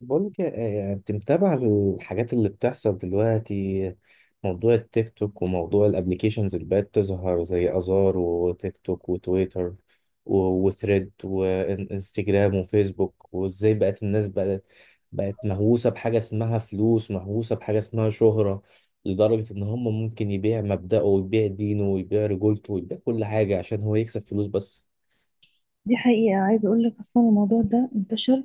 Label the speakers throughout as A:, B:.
A: بقولك إيه، إيه، يعني انت متابع الحاجات اللي بتحصل دلوقتي. موضوع التيك توك وموضوع الابليكيشنز اللي بقت تظهر زي ازار وتيك توك وتويتر و- وثريد وانستجرام وفيسبوك، وازاي بقت الناس بقت مهووسة بحاجة اسمها فلوس، مهووسة بحاجة اسمها شهرة، لدرجة ان هم ممكن يبيع مبدأه ويبيع دينه ويبيع رجولته ويبيع كل حاجة عشان هو يكسب فلوس بس.
B: دي حقيقة، عايزة أقول لك أصلا الموضوع ده انتشر،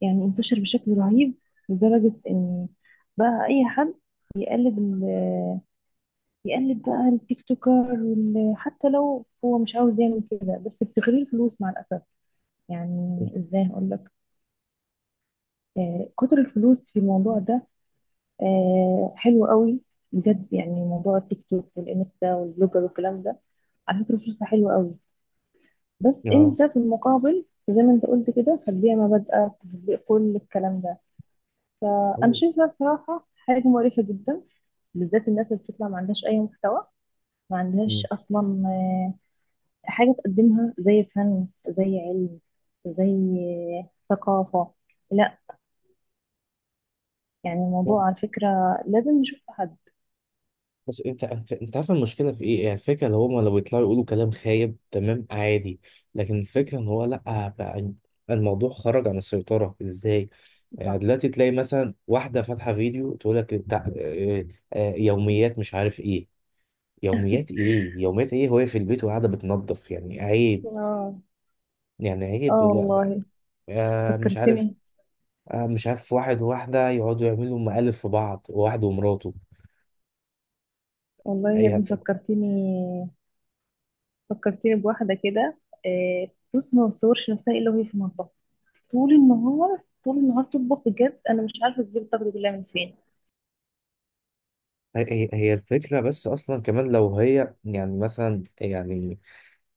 B: انتشر بشكل رهيب لدرجة إن بقى أي حد يقلد يقلد بقى التيك توكر، حتى لو هو مش عاوز يعمل كده، بس بتغري الفلوس مع الأسف. يعني إزاي هقول لك، آه، كتر الفلوس في الموضوع ده. آه، حلو قوي بجد. يعني موضوع التيك توك والإنستا والبلوجر والكلام ده، على فكرة فلوسها حلوة قوي، بس
A: اه.
B: أنت في المقابل زي ما أنت قلت كده تتبيع مبادئك، تطبيق كل الكلام ده. فأنا
A: أيوة.
B: شايفة بصراحة حاجة مقرفة جدا، بالذات الناس اللي بتطلع ما عندهاش أي محتوى. ما عندهاش أصلا آه، حاجة تقدمها، زي فن، زي علم، زي ثقافة. لا، يعني الموضوع على فكرة لازم نشوف حد.
A: بس انت عارف المشكله في ايه، يعني الفكره اللي هما لو يطلعوا يقولوا كلام خايب تمام عادي، لكن الفكره ان هو لا بقى، الموضوع خرج عن السيطره ازاي. يعني
B: صح.
A: دلوقتي تلاقي مثلا واحده فاتحه فيديو تقول لك بتاع اه، يوميات مش عارف ايه، يوميات ايه يوميات ايه، وهي في البيت وقاعده بتنظف، يعني عيب،
B: اه.
A: يعني
B: اه
A: عيب، لا لا.
B: والله،
A: اه، مش عارف،
B: فكرتني.
A: اه، مش عارف واحد وواحده يقعدوا يعملوا مقالب في بعض، واحد ومراته.
B: والله يا
A: ايه،
B: ابني فكرتني، فكرتني بواحدة كده. آه، بص، ما بتصورش نفسها إلا وهي في المطبخ، طول النهار طول النهار تطبخ. بجد أنا مش عارفة تجيب الطاقة دي كلها من فين.
A: هي الفكرة بس أصلا، كمان لو هي يعني مثلا، يعني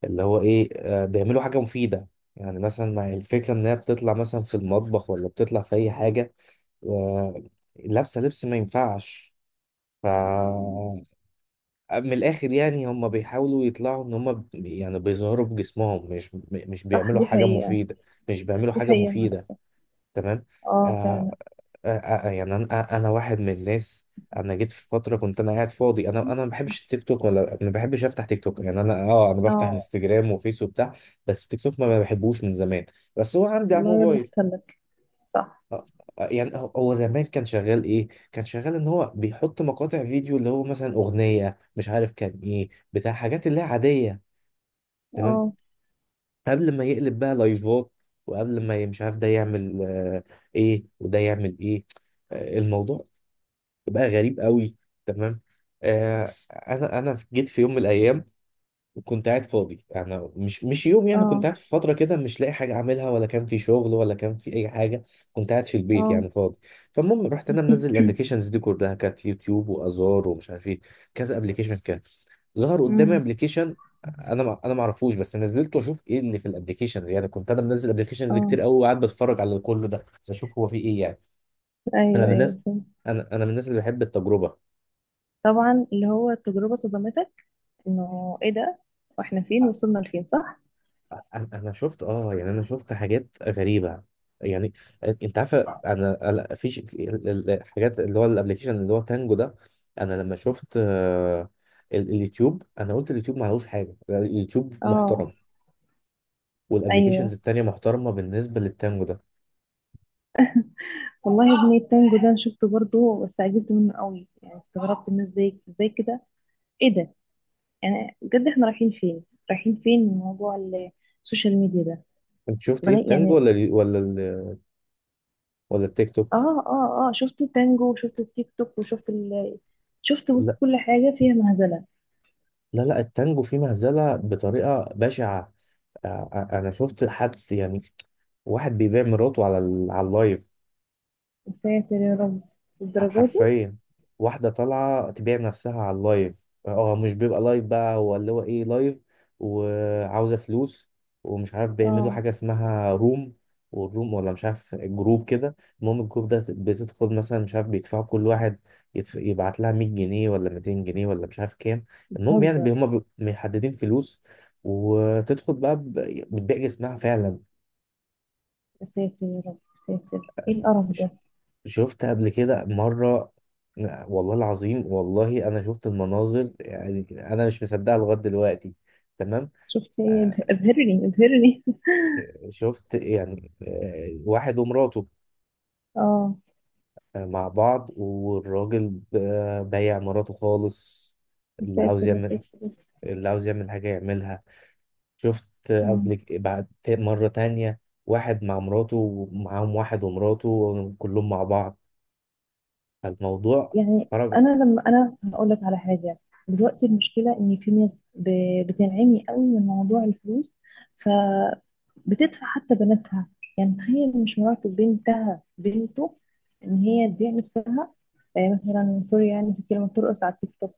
A: اللي هو إيه، بيعملوا حاجة مفيدة. يعني مثلا مع الفكرة إن هي بتطلع مثلا في المطبخ ولا بتطلع في أي حاجة، آه، لابسة لبس ما ينفعش. ف، من الآخر يعني هم بيحاولوا يطلعوا إن هم يعني بيظهروا بجسمهم، مش
B: صح،
A: بيعملوا
B: دي
A: حاجة
B: حقيقة.
A: مفيدة. مش بيعملوا
B: دي
A: حاجة
B: حقيقة مع
A: مفيدة.
B: الأسف.
A: تمام. آه،
B: اه فعلا.
A: يعني انا، انا واحد من الناس. انا جيت في فتره كنت انا قاعد فاضي، انا ما بحبش التيك توك، ولا ما بحبش افتح تيك توك، يعني انا، اه، انا بفتح
B: اه.
A: انستجرام وفيس وبتاع. بس تيك توك ما بحبوش من زمان، بس هو عندي على
B: والله يا ابني
A: الموبايل.
B: أحسن لك. صح.
A: آه، يعني هو زمان كان شغال ايه، كان شغال ان هو بيحط مقاطع فيديو اللي هو مثلا اغنيه، مش عارف كان ايه، بتاع حاجات اللي هي عاديه. تمام.
B: اه،
A: قبل ما يقلب بقى لايفات، وقبل ما مش عارف ده يعمل ايه وده يعمل ايه. الموضوع بقى غريب قوي. تمام. آه، انا جيت في يوم من الايام، وكنت قاعد فاضي، انا مش يوم، يعني كنت
B: اه،
A: قاعد في فتره كده مش لاقي حاجه اعملها، ولا كان في شغل ولا كان في اي حاجه. كنت قاعد في البيت
B: اه.
A: يعني فاضي. فالمهم رحت انا منزل الابلكيشنز دي كلها، كانت يوتيوب وازار ومش عارف ايه، كذا ابلكيشن. كان ظهر قدامي
B: أمم،
A: ابلكيشن، انا ما اعرفوش، بس نزلته اشوف ايه اللي في الابلكيشنز، يعني كنت انا منزل ابلكيشنز
B: اه.
A: كتير قوي، وقاعد بتفرج على كل ده اشوف هو في ايه يعني. انا
B: ايوه
A: من
B: ايوه،
A: الناس،
B: فهمت.
A: انا من الناس اللي بحب التجربه.
B: طبعا اللي هو التجربة صدمتك، انه ايه ده، واحنا فين، وصلنا لفين؟ صح.
A: انا أنا شفت، اه يعني انا شفت حاجات غريبه يعني. انت عارفه، انا، في في الحاجات اللي هو الابلكيشن اللي هو تانجو ده، انا لما شفت اليوتيوب، انا قلت اليوتيوب ما عليهوش حاجه، اليوتيوب
B: اه،
A: محترم، والابلكيشنز
B: ايوه.
A: التانيه محترمه بالنسبه للتانجو ده.
B: والله يا ابني التانجو ده انا شفته برضه، بس عجبت منه قوي. يعني استغربت الناس ازاي، ازاي كده؟ ايه ده؟ يعني بجد احنا رايحين فين؟ رايحين فين من موضوع السوشيال ميديا ده؟
A: انت شفت ايه،
B: لغاية
A: التانجو
B: يعني،
A: ولا ولا ولا التيك توك؟
B: اه اه اه، شفت التانجو وشفت التيك توك وشفت ال شفت، بص،
A: لا
B: كل حاجة فيها مهزلة.
A: لا، التانجو فيه مهزله بطريقه بشعه. انا شفت حد يعني، واحد بيبيع مراته على على اللايف،
B: يا ساتر يا رب، الدرجة دي؟
A: حرفيا. واحدة طالعة تبيع نفسها على اللايف، اه مش بيبقى لايف بقى، هو اللي هو ايه، لايف، وعاوزة فلوس، ومش عارف بيعملوا
B: اه.
A: حاجة اسمها روم، والروم ولا مش عارف جروب كده. المهم الجروب ده بتدخل، مثلا مش عارف بيدفعوا كل واحد يبعت لها 100 جنيه ولا 200 جنيه ولا مش عارف كام. المهم يعني
B: بتهزر؟
A: محددين فلوس، وتدخل بقى بتبيع جسمها فعلا.
B: يا ساتر يا رب يا ساتر، ايه القرف ده؟
A: شفت قبل كده مرة، والله العظيم، والله أنا شفت المناظر يعني، أنا مش مصدقها لغاية دلوقتي. تمام.
B: شفت ايه؟
A: آه،
B: ابهرني، ابهرني.
A: شفت يعني، واحد ومراته،
B: اه.
A: مع بعض، والراجل بايع مراته خالص.
B: يا
A: اللي عاوز
B: ساتر يا
A: يعمل،
B: ساتر.
A: اللي عاوز يعمل حاجة يعملها. شفت قبل بعد مرة تانية، واحد مع مراته ومعاهم واحد ومراته، كلهم مع بعض. فالموضوع
B: يعني
A: خرج.
B: انا لما، انا هقول لك على حاجه. دلوقتي المشكله ان في ناس بتنعمي قوي من موضوع الفلوس، فبتدفع حتى بناتها. يعني تخيل، مش مراتب، بنتها، بنته، ان هي تبيع نفسها. مثلا سوري يعني في كلمه، ترقص على التيك توك،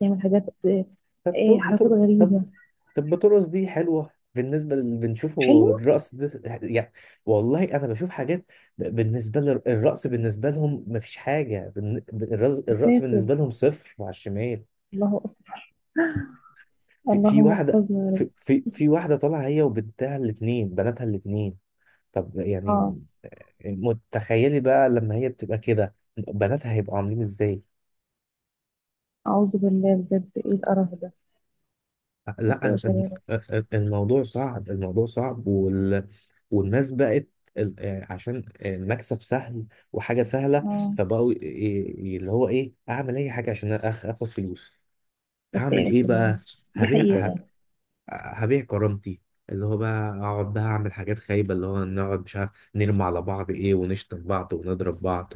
B: تعمل حاجات،
A: طب طب,
B: حركات
A: طب
B: غريبه.
A: طب بطرس دي حلوه، بالنسبه اللي
B: حلو.
A: بنشوفه الرقص ده يعني. والله انا بشوف حاجات، بالنسبه للرقص، بالنسبه لهم مفيش حاجه، الرقص
B: ساتر.
A: بالنسبه لهم صفر على الشمال.
B: الله أكبر.
A: في, في
B: اللهم
A: واحده،
B: احفظنا يا رب.
A: في واحده طالعه هي وبنتها الاثنين، بناتها الاثنين. طب
B: اه.
A: يعني متخيلي بقى لما هي بتبقى كده بناتها هيبقوا عاملين ازاي.
B: اعوذ بالله، بجد ايه القرف ده؟ يا
A: لا أنا
B: ساتر
A: مش-
B: يا رب.
A: الموضوع صعب، الموضوع صعب، والناس بقت عشان المكسب سهل وحاجة سهلة،
B: اه.
A: فبقوا اللي هو ايه، اعمل اي حاجة عشان اخد فلوس،
B: يا
A: هعمل ايه
B: ساتر يا
A: بقى،
B: رب. دي
A: هبيع،
B: حقيقة.
A: هبيع كرامتي، اللي هو بقى اقعد بقى اعمل حاجات خايبه، اللي هو نقعد مش عارف نرمي على بعض ايه، ونشتم بعض ونضرب بعض.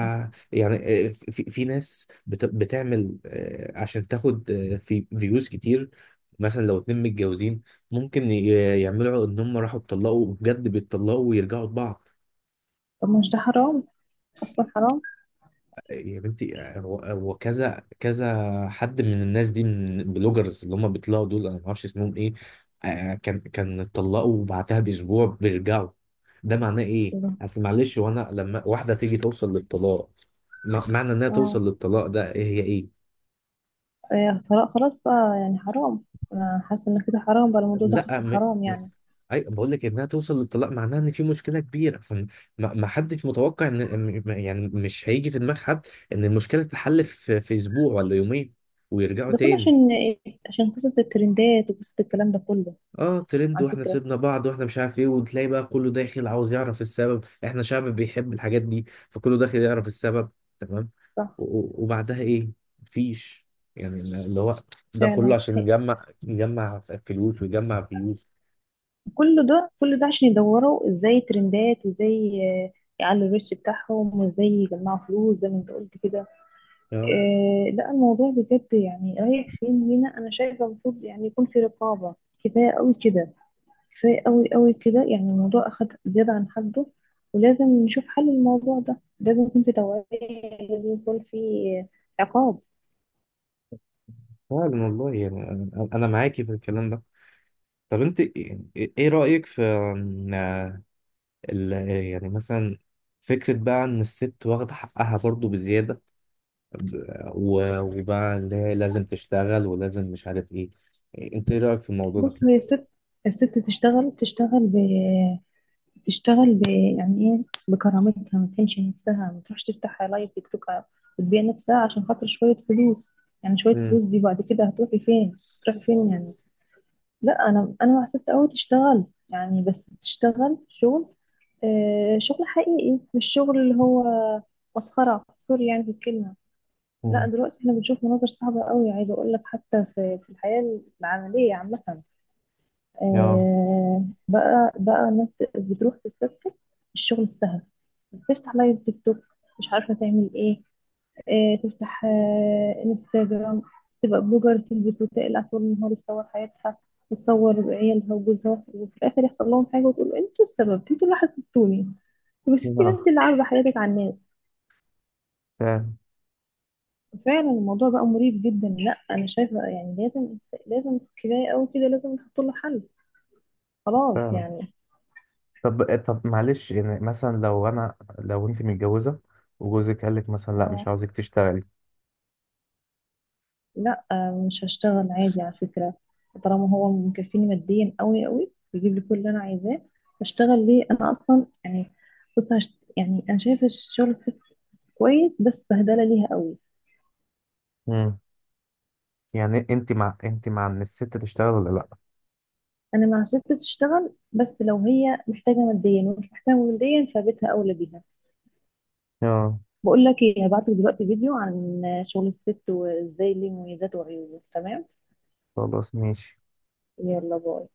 B: صح.
A: يعني، في ناس بتعمل آه عشان تاخد آه في فيوز كتير. مثلا لو اتنين متجوزين، ممكن يعملوا ان هم راحوا اتطلقوا بجد، بيتطلقوا ويرجعوا لبعض.
B: طب مش ده حرام؟ اصلا حرام.
A: يا بنتي، هو هو كذا حد من الناس دي، من البلوجرز اللي هم بيطلعوا دول، انا ما اعرفش اسمهم ايه، كان اتطلقوا وبعدها باسبوع بيرجعوا. ده معناه ايه؟
B: الله.
A: اصل معلش، وانا لما واحده تيجي توصل للطلاق، معنى انها
B: اه.
A: توصل للطلاق ده إيه هي ايه؟
B: إيه، طلاق خلاص بقى؟ يعني حرام. انا حاسه ان كده حرام بقى، الموضوع دخل
A: لا
B: في
A: م...
B: الحرام
A: م...
B: يعني.
A: اي بقول لك انها توصل للطلاق معناها ان في مشكله كبيره، فما، ما حدش متوقع ان يعني مش هيجي في دماغ حد ان المشكله تتحل في اسبوع ولا يومين ويرجعوا
B: ده كله
A: تاني.
B: عشان إيه؟ عشان قصه الترندات وقصه الكلام ده كله.
A: اه ترند،
B: على
A: واحنا
B: فكره.
A: سيبنا بعض واحنا مش عارف ايه، وتلاقي بقى كله داخل عاوز يعرف السبب، احنا شعب بيحب الحاجات دي، فكله داخل يعرف السبب. تمام.
B: صح.
A: و- و- وبعدها ايه؟ مفيش، يعني اللي هو ده كله
B: فعلا،
A: عشان يجمع، يجمع فلوس ويجمع فيوز.
B: كل ده، كل ده عشان يدوروا ازاي ترندات، وازاي يعلوا الريتش بتاعهم، وازاي يجمعوا فلوس زي ما انت قلت كده.
A: اه
B: إيه، لا الموضوع بجد يعني رايح فين لينا؟ انا شايفه المفروض يعني يكون في رقابه. كفايه قوي كده، كفاية قوي قوي كده، يعني الموضوع أخد زيادة عن حده. ولازم نشوف حل، الموضوع ده لازم يكون في توعية، لازم يكون في عقاب.
A: فعلا، والله يعني انا، أنا معاكي في الكلام ده. طب انت ايه، إيه رأيك في، إن، ال- يعني مثلا، فكرة بقى ان الست واخدة حقها برضو بزيادة، وبقى اللي هي لازم تشتغل ولازم مش عارف ايه، انت ايه رأيك في الموضوع ده؟
B: بص، هي الست، الست تشتغل، تشتغل ب يعني ايه، بكرامتها. ما تهينش نفسها، ما تروحش تفتح لايف تيك توك وتبيع نفسها عشان خاطر شوية فلوس. يعني شوية
A: مم.
B: فلوس دي بعد كده هتروحي فين؟ هتروحي فين يعني؟ لا انا، حسبت قوي تشتغل، يعني بس تشتغل شغل، شغل حقيقي، مش شغل اللي هو مسخرة، سوري يعني في الكلمة. لا
A: مم.
B: دلوقتي احنا بنشوف مناظر صعبة قوي. عايزة اقول لك حتى في، في الحياة العملية عامة،
A: اه،
B: بقى الناس بتروح تستسهل الشغل السهل، بتفتح لايف تيك توك، مش عارفة تعمل ايه، تفتح انستجرام، تبقى بلوجر، تلبس وتقلع طول النهار، تصور حياتها وتصور عيالها وجوزها، وفي الاخر يحصل لهم حاجه وتقول انتوا السبب، انتوا اللي حسدتوني. بس انت، انت
A: آه،
B: اللي عارضه حياتك على الناس.
A: فعلا،
B: فعلا الموضوع بقى مريب جدا. لا انا شايفه يعني لازم، لازم، كفايه قوي كده، لازم نحط له حل، خلاص
A: فعلا.
B: يعني.
A: طب معلش، يعني مثلا لو انا، لو انت متجوزه وجوزك قال لك مثلا لا مش
B: آه،
A: عاوزك تشتغلي.
B: لا مش هشتغل عادي، على فكرة. طالما هو مكفيني ماديا قوي قوي، بيجيب لي كل اللي انا عايزاه، هشتغل ليه انا اصلا يعني؟ بص، يعني انا شايفة شغل الست كويس، بس بهدلة ليها قوي.
A: مم. يعني انت مع، ان الست تشتغل ولا لا؟
B: انا مع ست تشتغل، بس لو هي محتاجة ماديا، ومش محتاجة ماديا فبيتها اولى بيها.
A: اه،
B: بقول لك ايه، هبعت لك دلوقتي فيديو عن شغل الست، وازاي ليه مميزاته وعيوبه، تمام؟
A: خلاص ماشي.
B: يلا باي.